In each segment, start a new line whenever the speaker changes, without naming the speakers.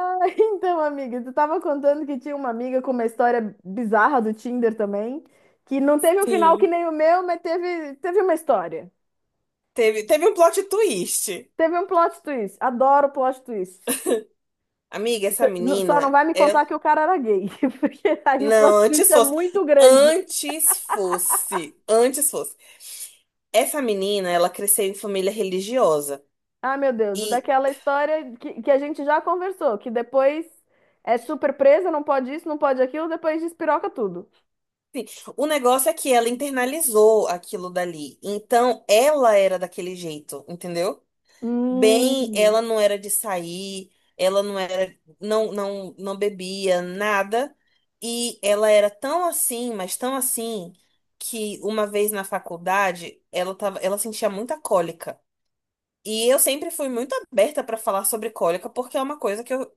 Então, amiga, tu tava contando que tinha uma amiga com uma história bizarra do Tinder também, que não teve um final que
Sim.
nem o meu, mas teve uma história.
Teve um plot twist.
Teve um plot twist. Adoro plot twist.
Amiga, essa
Só não
menina
vai me
é.
contar que o cara era gay, porque aí o plot
Não,
twist
antes
é
fosse.
muito grande.
Antes fosse. Antes fosse. Essa menina, ela cresceu em família religiosa.
Ah, meu Deus,
E
daquela história que a gente já conversou, que depois é super presa, não pode isso, não pode aquilo, depois despiroca tudo.
o negócio é que ela internalizou aquilo dali. Então, ela era daquele jeito, entendeu? Bem,
Hum.
ela não era de sair, ela não era, não bebia nada, e ela era tão assim, mas tão assim, que uma vez na faculdade, ela sentia muita cólica. E eu sempre fui muito aberta para falar sobre cólica, porque é uma coisa que eu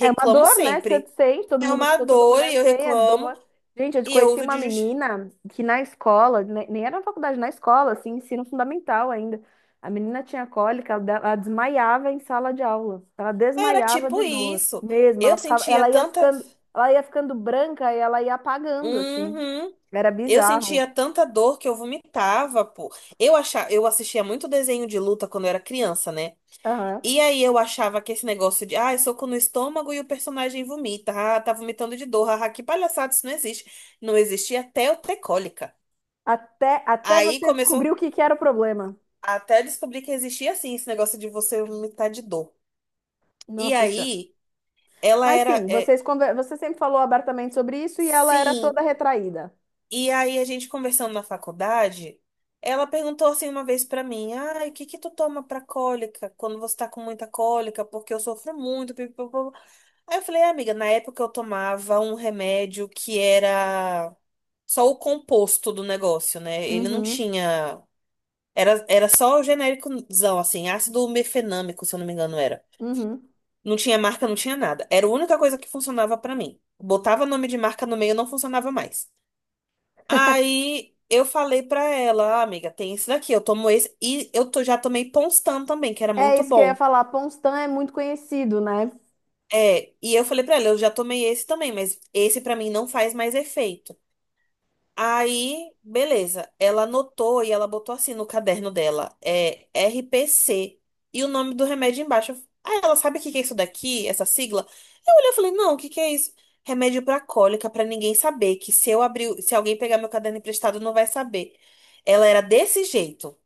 É uma dor, né? Você
sempre.
sente, todo
É
mundo,
uma
toda
dor e
mulher
eu
tem, é
reclamo,
dor. Gente, eu
e eu
conheci
uso
uma
de justi...
menina que na escola, nem era na faculdade, na escola, assim, ensino fundamental ainda. A menina tinha cólica, ela ela desmaiava em sala de aula. Ela
Era
desmaiava
tipo
de dor,
isso.
mesmo.
Eu sentia tanta.
Ela ia ficando branca e ela ia apagando, assim.
Uhum.
Era
Eu
bizarro.
sentia tanta dor que eu vomitava, pô. Eu achava, eu assistia muito desenho de luta quando eu era criança, né?
Aham.
E aí eu achava que esse negócio de, ah, soco no estômago e o personagem vomita, ah, tá vomitando de dor, ah, que palhaçada, isso não existe. Não existia até eu ter cólica.
Até
Aí
você descobrir
começou
o que que era o problema.
até descobrir que existia assim esse negócio de você vomitar de dor. E
Nossa Senhora.
aí ela
Mas
era,
sim,
é,
vocês conver... você sempre falou abertamente sobre isso e ela era
sim.
toda retraída.
E aí a gente conversando na faculdade, ela perguntou assim uma vez pra mim: "Ai, o que que tu toma pra cólica quando você tá com muita cólica? Porque eu sofro muito, pipipopô." Aí eu falei: "Ah, amiga, na época eu tomava um remédio que era só o composto do negócio, né? Ele não
Uhum,
tinha, era só o genéricozão assim, ácido mefenâmico, se eu não me engano era.
uhum.
Não tinha marca, não tinha nada. Era a única coisa que funcionava pra mim. Botava nome de marca no meio, não funcionava mais." Aí eu falei pra ela, "Ah, amiga, tem esse daqui, eu tomo esse. E eu to- já tomei Ponstan também, que era
É
muito
isso que eu ia
bom."
falar. Ponstan é muito conhecido, né?
É, e eu falei pra ela, eu já tomei esse também, mas esse pra mim não faz mais efeito. Aí, beleza. Ela anotou e ela botou assim no caderno dela, é RPC e o nome do remédio embaixo. Aí, ela sabe o que que é isso daqui, essa sigla? Eu olhei e falei: "Não, o que que é isso?" "Remédio pra cólica, pra ninguém saber, que se eu abrir, se alguém pegar meu caderno emprestado, não vai saber." Ela era desse jeito,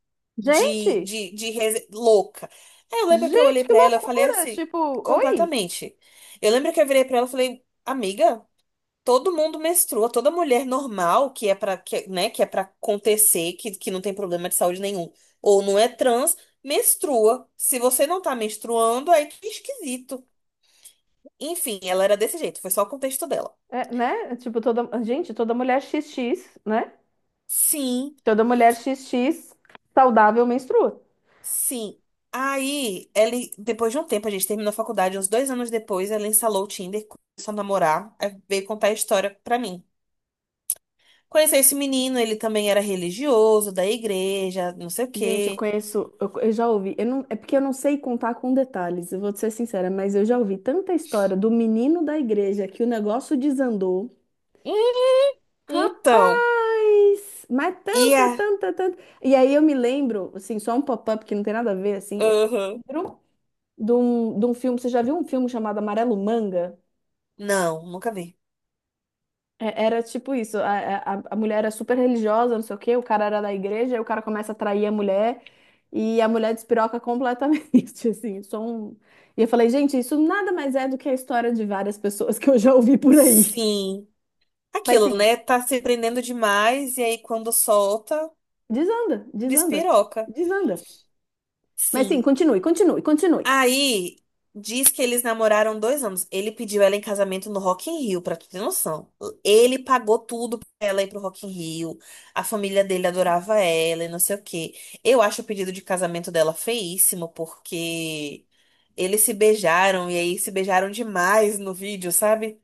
de
Gente,
de rese- louca. Aí eu lembro que eu olhei
gente, que
pra ela, eu falei
loucura!
assim,
Tipo, oi.
completamente. Eu lembro que eu virei pra ela e falei: "Amiga, todo mundo menstrua, toda mulher normal que é para que, né, que é para acontecer, que não tem problema de saúde nenhum, ou não é trans, menstrua. Se você não tá menstruando, aí que esquisito." Enfim, ela era desse jeito, foi só o contexto dela.
É, né? Tipo, toda, gente, toda mulher X X, né?
Sim,
Toda mulher X X saudável menstrua.
sim. Aí, ela, depois de um tempo, a gente terminou a faculdade, uns dois anos depois, ela instalou o Tinder, começou a namorar, aí veio contar a história pra mim. "Conheci esse menino, ele também era religioso, da igreja, não sei o
Gente, eu
quê."
conheço, eu já ouvi, eu não, é porque eu não sei contar com detalhes, eu vou te ser sincera, mas eu já ouvi tanta história do menino da igreja que o negócio desandou.
Hum, então,
Rapaz! Mas
e a.
tanta, tanta, tanta. E aí eu me lembro, assim, só um pop-up que não tem nada a ver, assim. Eu
Aham.
lembro de um filme. Você já viu um filme chamado Amarelo Manga?
Não, nunca vi.
Era tipo isso: a mulher era super religiosa, não sei o quê, o cara era da igreja, aí o cara começa a trair a mulher e a mulher despiroca completamente, assim. Só um... E eu falei, gente, isso nada mais é do que a história de várias pessoas que eu já ouvi por aí.
Sim.
Mas
Aquilo,
sim,
né? Tá se prendendo demais e aí quando solta,
desanda, desanda,
despiroca.
desanda. Mas sim,
Sim.
continue, continue, continue.
Aí diz que eles namoraram 2 anos. Ele pediu ela em casamento no Rock in Rio, pra tu ter noção. Ele pagou tudo pra ela ir pro Rock in Rio. A família dele adorava ela e não sei o quê. Eu acho o pedido de casamento dela feíssimo, porque eles se beijaram e aí se beijaram demais no vídeo, sabe?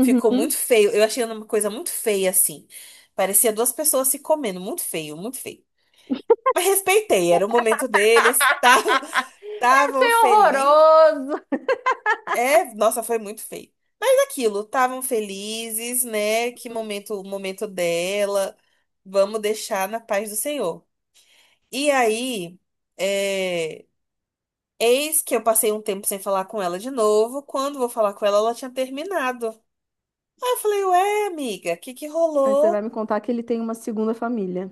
Ficou muito feio. Eu achei uma coisa muito feia, assim. Parecia duas pessoas se comendo. Muito feio, muito feio. Mas respeitei, era o momento deles. Estavam, estavam
É
felizes.
horroroso.
É, nossa, foi muito feio. Mas aquilo, estavam felizes, né? Que momento, o momento dela. Vamos deixar na paz do Senhor. E aí, é, eis que eu passei um tempo sem falar com ela de novo. Quando vou falar com ela, ela tinha terminado. Aí eu falei, ué, amiga, o que que
Aí você vai
rolou?
me contar que ele tem uma segunda família.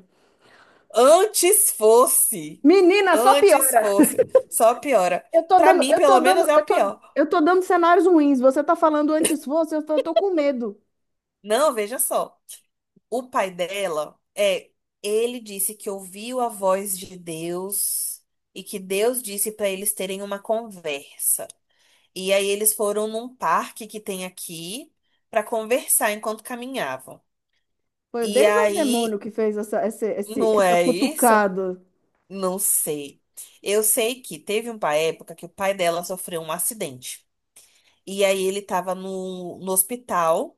Antes fosse.
Menina, só
Antes
piora.
fosse. Só piora. Pra mim, pelo menos, é o pior.
Eu tô dando cenários ruins. Você tá falando antes fosse, eu tô com medo.
Não, veja só. O pai dela é. Ele disse que ouviu a voz de Deus e que Deus disse pra eles terem uma conversa. E aí eles foram num parque que tem aqui pra conversar enquanto caminhavam.
Foi o
E
Deus ou o demônio
aí,
que fez
não
essa
é isso?
cutucada?
Não sei. Eu sei que teve uma época que o pai dela sofreu um acidente. E aí ele tava no hospital.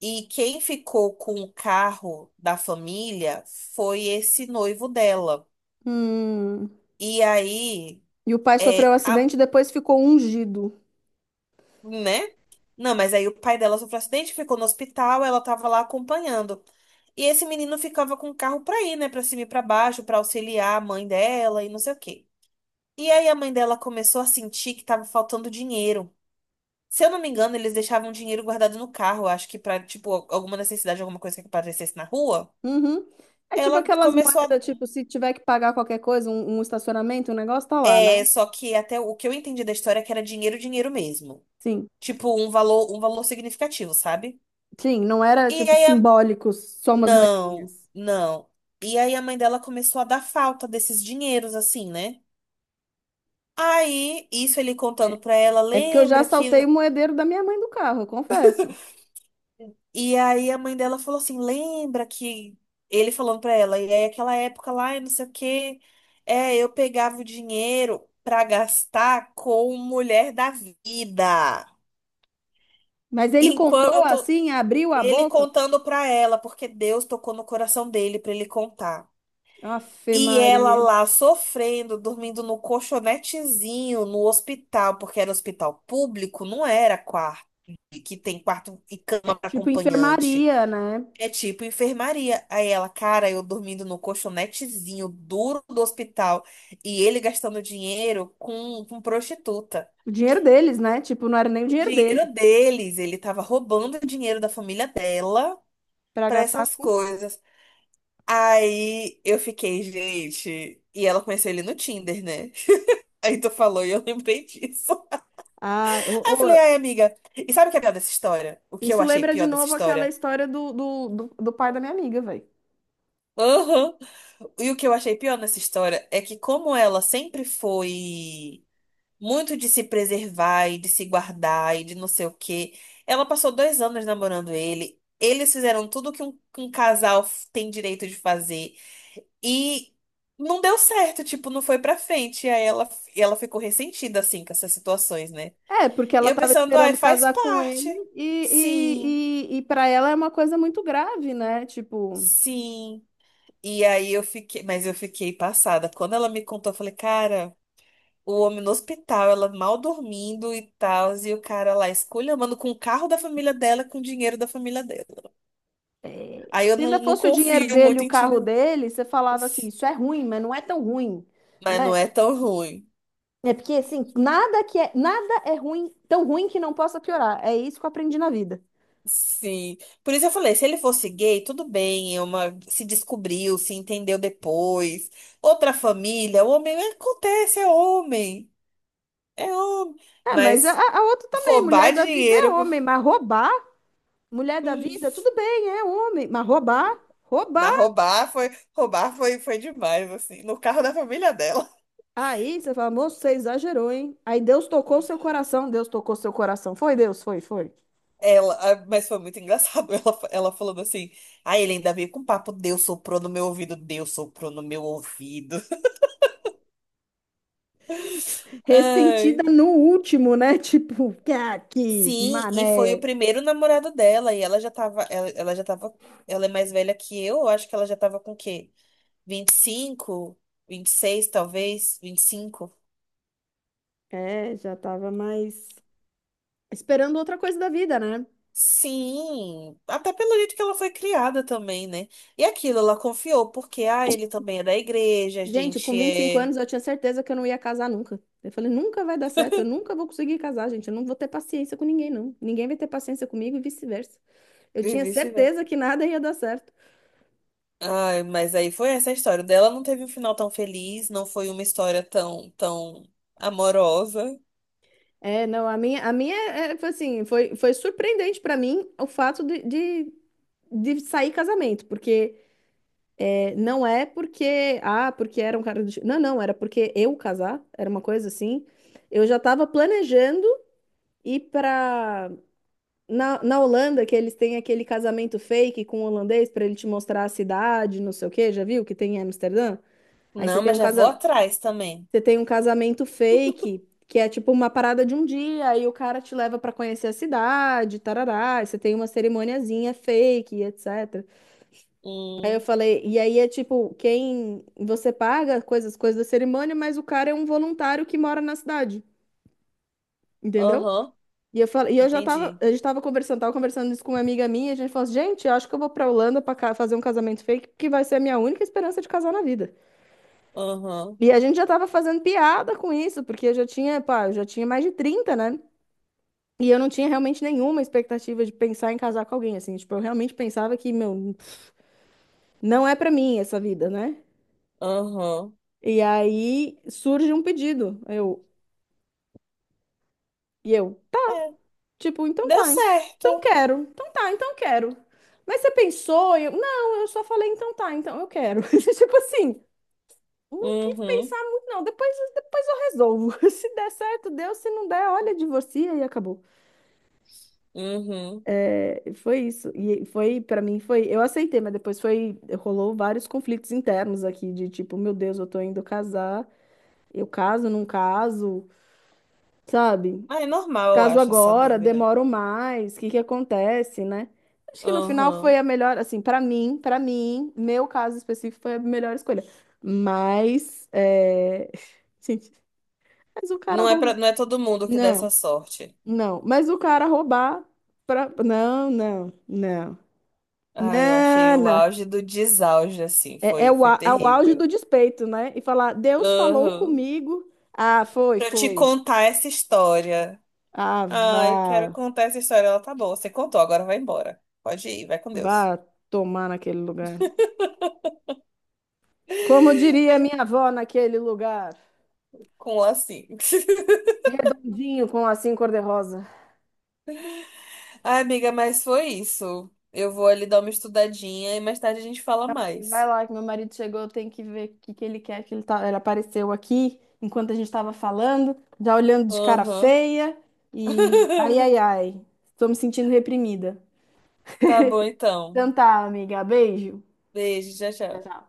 E quem ficou com o carro da família foi esse noivo dela.
Hum.
E aí,
E o pai sofreu um
é, a,
acidente e depois ficou ungido.
né? Não, mas aí o pai dela sofreu acidente, ficou no hospital, ela tava lá acompanhando. E esse menino ficava com o carro pra ir, né? Pra cima e pra baixo, pra auxiliar a mãe dela e não sei o quê. E aí a mãe dela começou a sentir que tava faltando dinheiro. Se eu não me engano, eles deixavam dinheiro guardado no carro, acho que pra, tipo, alguma necessidade, alguma coisa que aparecesse na rua.
Uhum. É tipo
Ela
aquelas
começou
moedas,
a.
tipo, se tiver que pagar qualquer coisa, um estacionamento, o negócio tá lá, né?
É, só que até o que eu entendi da história é que era dinheiro, dinheiro mesmo.
Sim.
Tipo, um valor significativo, sabe?
Sim, não era
E
tipo
aí a...
simbólico, só umas
Não,
moedinhas.
não. E aí a mãe dela começou a dar falta desses dinheiros, assim, né? Aí, isso ele contando
É
pra ela,
é porque eu já
lembra que,
saltei o moedeiro da minha mãe do carro, eu confesso.
e aí a mãe dela falou assim: lembra que ele falando pra ela, e aí aquela época lá, e não sei o quê, é, eu pegava o dinheiro pra gastar com mulher da vida.
Mas ele contou
Enquanto
assim, abriu a
ele
boca.
contando pra ela, porque Deus tocou no coração dele pra ele contar.
Afe
E ela
Maria.
lá sofrendo, dormindo no colchonetezinho no hospital, porque era hospital público, não era quarto, que tem quarto e
É
cama para
tipo
acompanhante.
enfermaria, né?
É tipo enfermaria. Aí ela, cara, eu dormindo no colchonetezinho duro do hospital e ele gastando dinheiro com prostituta.
O dinheiro deles, né? Tipo, não era nem o
O
dinheiro dele
dinheiro deles, ele tava roubando o dinheiro da família dela
para
pra
gastar
essas
com.
coisas. Aí eu fiquei, gente. E ela conheceu ele no Tinder, né? Aí tu falou e eu lembrei disso.
Ah,
Aí
ô,
eu falei,
ô,
ai, amiga, e sabe o que é pior dessa história? O que eu
isso
achei
lembra de
pior dessa
novo aquela
história?
história do pai da minha amiga, velho.
Aham. E o que eu achei pior nessa história é que, como ela sempre foi muito de se preservar e de se guardar e de não sei o quê, ela passou 2 anos namorando ele. Eles fizeram tudo que um casal tem direito de fazer. E não deu certo, tipo, não foi pra frente. E ela ficou ressentida, assim, com essas situações, né?
É, porque
E
ela
eu
tava
pensando, ai,
esperando
faz
casar com
parte.
ele
Sim,
e para ela é uma coisa muito grave, né? Tipo.
sim. E aí eu fiquei, mas eu fiquei passada. Quando ela me contou, eu falei, cara, o homem no hospital, ela mal dormindo e tal, e o cara lá esculhambando com o carro da família dela, com o dinheiro da família dela. Aí eu
Se ainda
não, não
fosse o dinheiro
confio
dele e
muito
o
em
carro
Tinder, não.
dele, você falava assim, isso é ruim, mas não é tão ruim,
Mas não
né?
é tão ruim.
É porque assim, nada é ruim, tão ruim que não possa piorar. É isso que eu aprendi na vida.
Sim. Por isso eu falei, se ele fosse gay, tudo bem, é uma... se descobriu, se entendeu depois. Outra família, o homem acontece, é homem. É homem.
É, mas
Mas
a outra também,
roubar
mulher da vida é
dinheiro.
homem, mas roubar, mulher da vida, tudo bem, é homem, mas roubar,
Mas
roubar.
roubar foi, foi demais, assim, no carro da família dela.
Aí você fala, moço, você exagerou, hein? Aí Deus tocou seu coração, Deus tocou seu coração. Foi Deus, foi, foi.
Ela, ah, mas foi muito engraçado ela falando assim. Aí ele ainda veio com papo, Deus soprou no meu ouvido, Deus soprou no meu ouvido. Ai.
Ressentida no último, né? Tipo, que
Sim, e foi o
mané.
primeiro namorado dela, e ela já tava, ela é mais velha que eu acho que ela já tava com o quê? 25, 26 talvez, 25.
É, já tava mais esperando outra coisa da vida, né?
Sim, até pelo jeito que ela foi criada também, né? E aquilo, ela confiou, porque, ah, ele também é da igreja, a
Gente,
gente
com 25
é.
anos eu tinha certeza que eu não ia casar nunca. Eu falei, nunca vai dar certo, eu nunca vou conseguir casar, gente. Eu não vou ter paciência com ninguém, não. Ninguém vai ter paciência comigo e vice-versa. Eu
E
tinha
vice-versa.
certeza que nada ia dar certo.
Ai, mas aí foi essa a história. O dela não teve um final tão feliz, não foi uma história tão, tão amorosa.
É, não, a minha foi assim, foi, foi surpreendente pra mim o fato de sair casamento, porque é, não é porque, ah, porque era um cara do... Não, não, era porque eu casar, era uma coisa assim. Eu já tava planejando E pra. Na Holanda, que eles têm aquele casamento fake com o holandês para ele te mostrar a cidade, não sei o quê, já viu? Que tem em Amsterdã? Aí você
Não,
tem
mas
um
já vou
casa...
atrás também.
você tem um casamento fake, que é tipo uma parada de um dia, aí o cara te leva para conhecer a cidade, tarará, aí você tem uma cerimoniazinha fake, etc. Aí eu
Hum,
falei, e aí é tipo, quem você paga coisas, coisas da cerimônia, mas o cara é um voluntário que mora na cidade, entendeu?
aham,
E eu falei, e eu já tava,
entendi.
a gente tava conversando isso com uma amiga minha, e a gente falou assim, gente, eu acho que eu vou pra Holanda pra fazer um casamento fake, porque vai ser a minha única esperança de casar na vida.
Aham,
E a gente já tava fazendo piada com isso, porque eu já tinha, pá, eu já tinha mais de 30 né? E eu não tinha realmente nenhuma expectativa de pensar em casar com alguém, assim, tipo, eu realmente pensava que, meu, não é pra mim essa vida, né?
aham.
E aí surge um pedido, eu, e eu.
É,
Tipo, então
deu
tá,
certo.
então quero, então tá, então quero. Mas você pensou? Eu, não, eu só falei, então tá, então eu quero. Tipo assim, não quis
Uhum,
pensar muito, não. Depois eu resolvo. Se der certo, deu. Se não der, olha, divorcia e acabou.
uhum.
É, foi isso. E foi, pra mim, foi. Eu aceitei, mas depois foi. Rolou vários conflitos internos aqui, de tipo, meu Deus, eu tô indo casar, eu caso, não caso, sabe?
Ah, é normal, eu
Caso
acho, essa
agora,
dúvida.
demoro mais, o que que acontece, né? Acho que no final foi
Aham.
a melhor, assim, para mim, meu caso específico foi a melhor escolha. Mas, é... gente, mas o cara
Não é pra,
roubou.
não é todo mundo que dá essa
Não,
sorte.
não, mas o cara roubar pra...
Ai, eu achei o
não.
auge do desauge, assim.
É, é
Foi,
o,
foi
é o auge
terrível.
do despeito, né? E falar, Deus falou
Aham.
comigo. Ah, foi,
Pra te
foi.
contar essa história.
Ah,
Ai, quero
vá,
contar essa história. Ela tá boa. Você contou, agora vai embora. Pode ir, vai com Deus.
vá tomar naquele lugar. Como diria
Né?
minha avó naquele lugar,
Com o lacinho.
redondinho com lacinho cor-de-rosa.
Ai, amiga, mas foi isso. Eu vou ali dar uma estudadinha e mais tarde a gente fala
Vai
mais.
lá, que meu marido chegou, eu tenho que ver o que ele quer, que ele, tá... ele apareceu aqui enquanto a gente estava falando, já olhando de cara
Aham.
feia e ai, ai, ai, estou me sentindo reprimida.
Tá bom, então.
Então tá, amiga, beijo.
Beijo, tchau,
Tchau,
tchau.
tchau.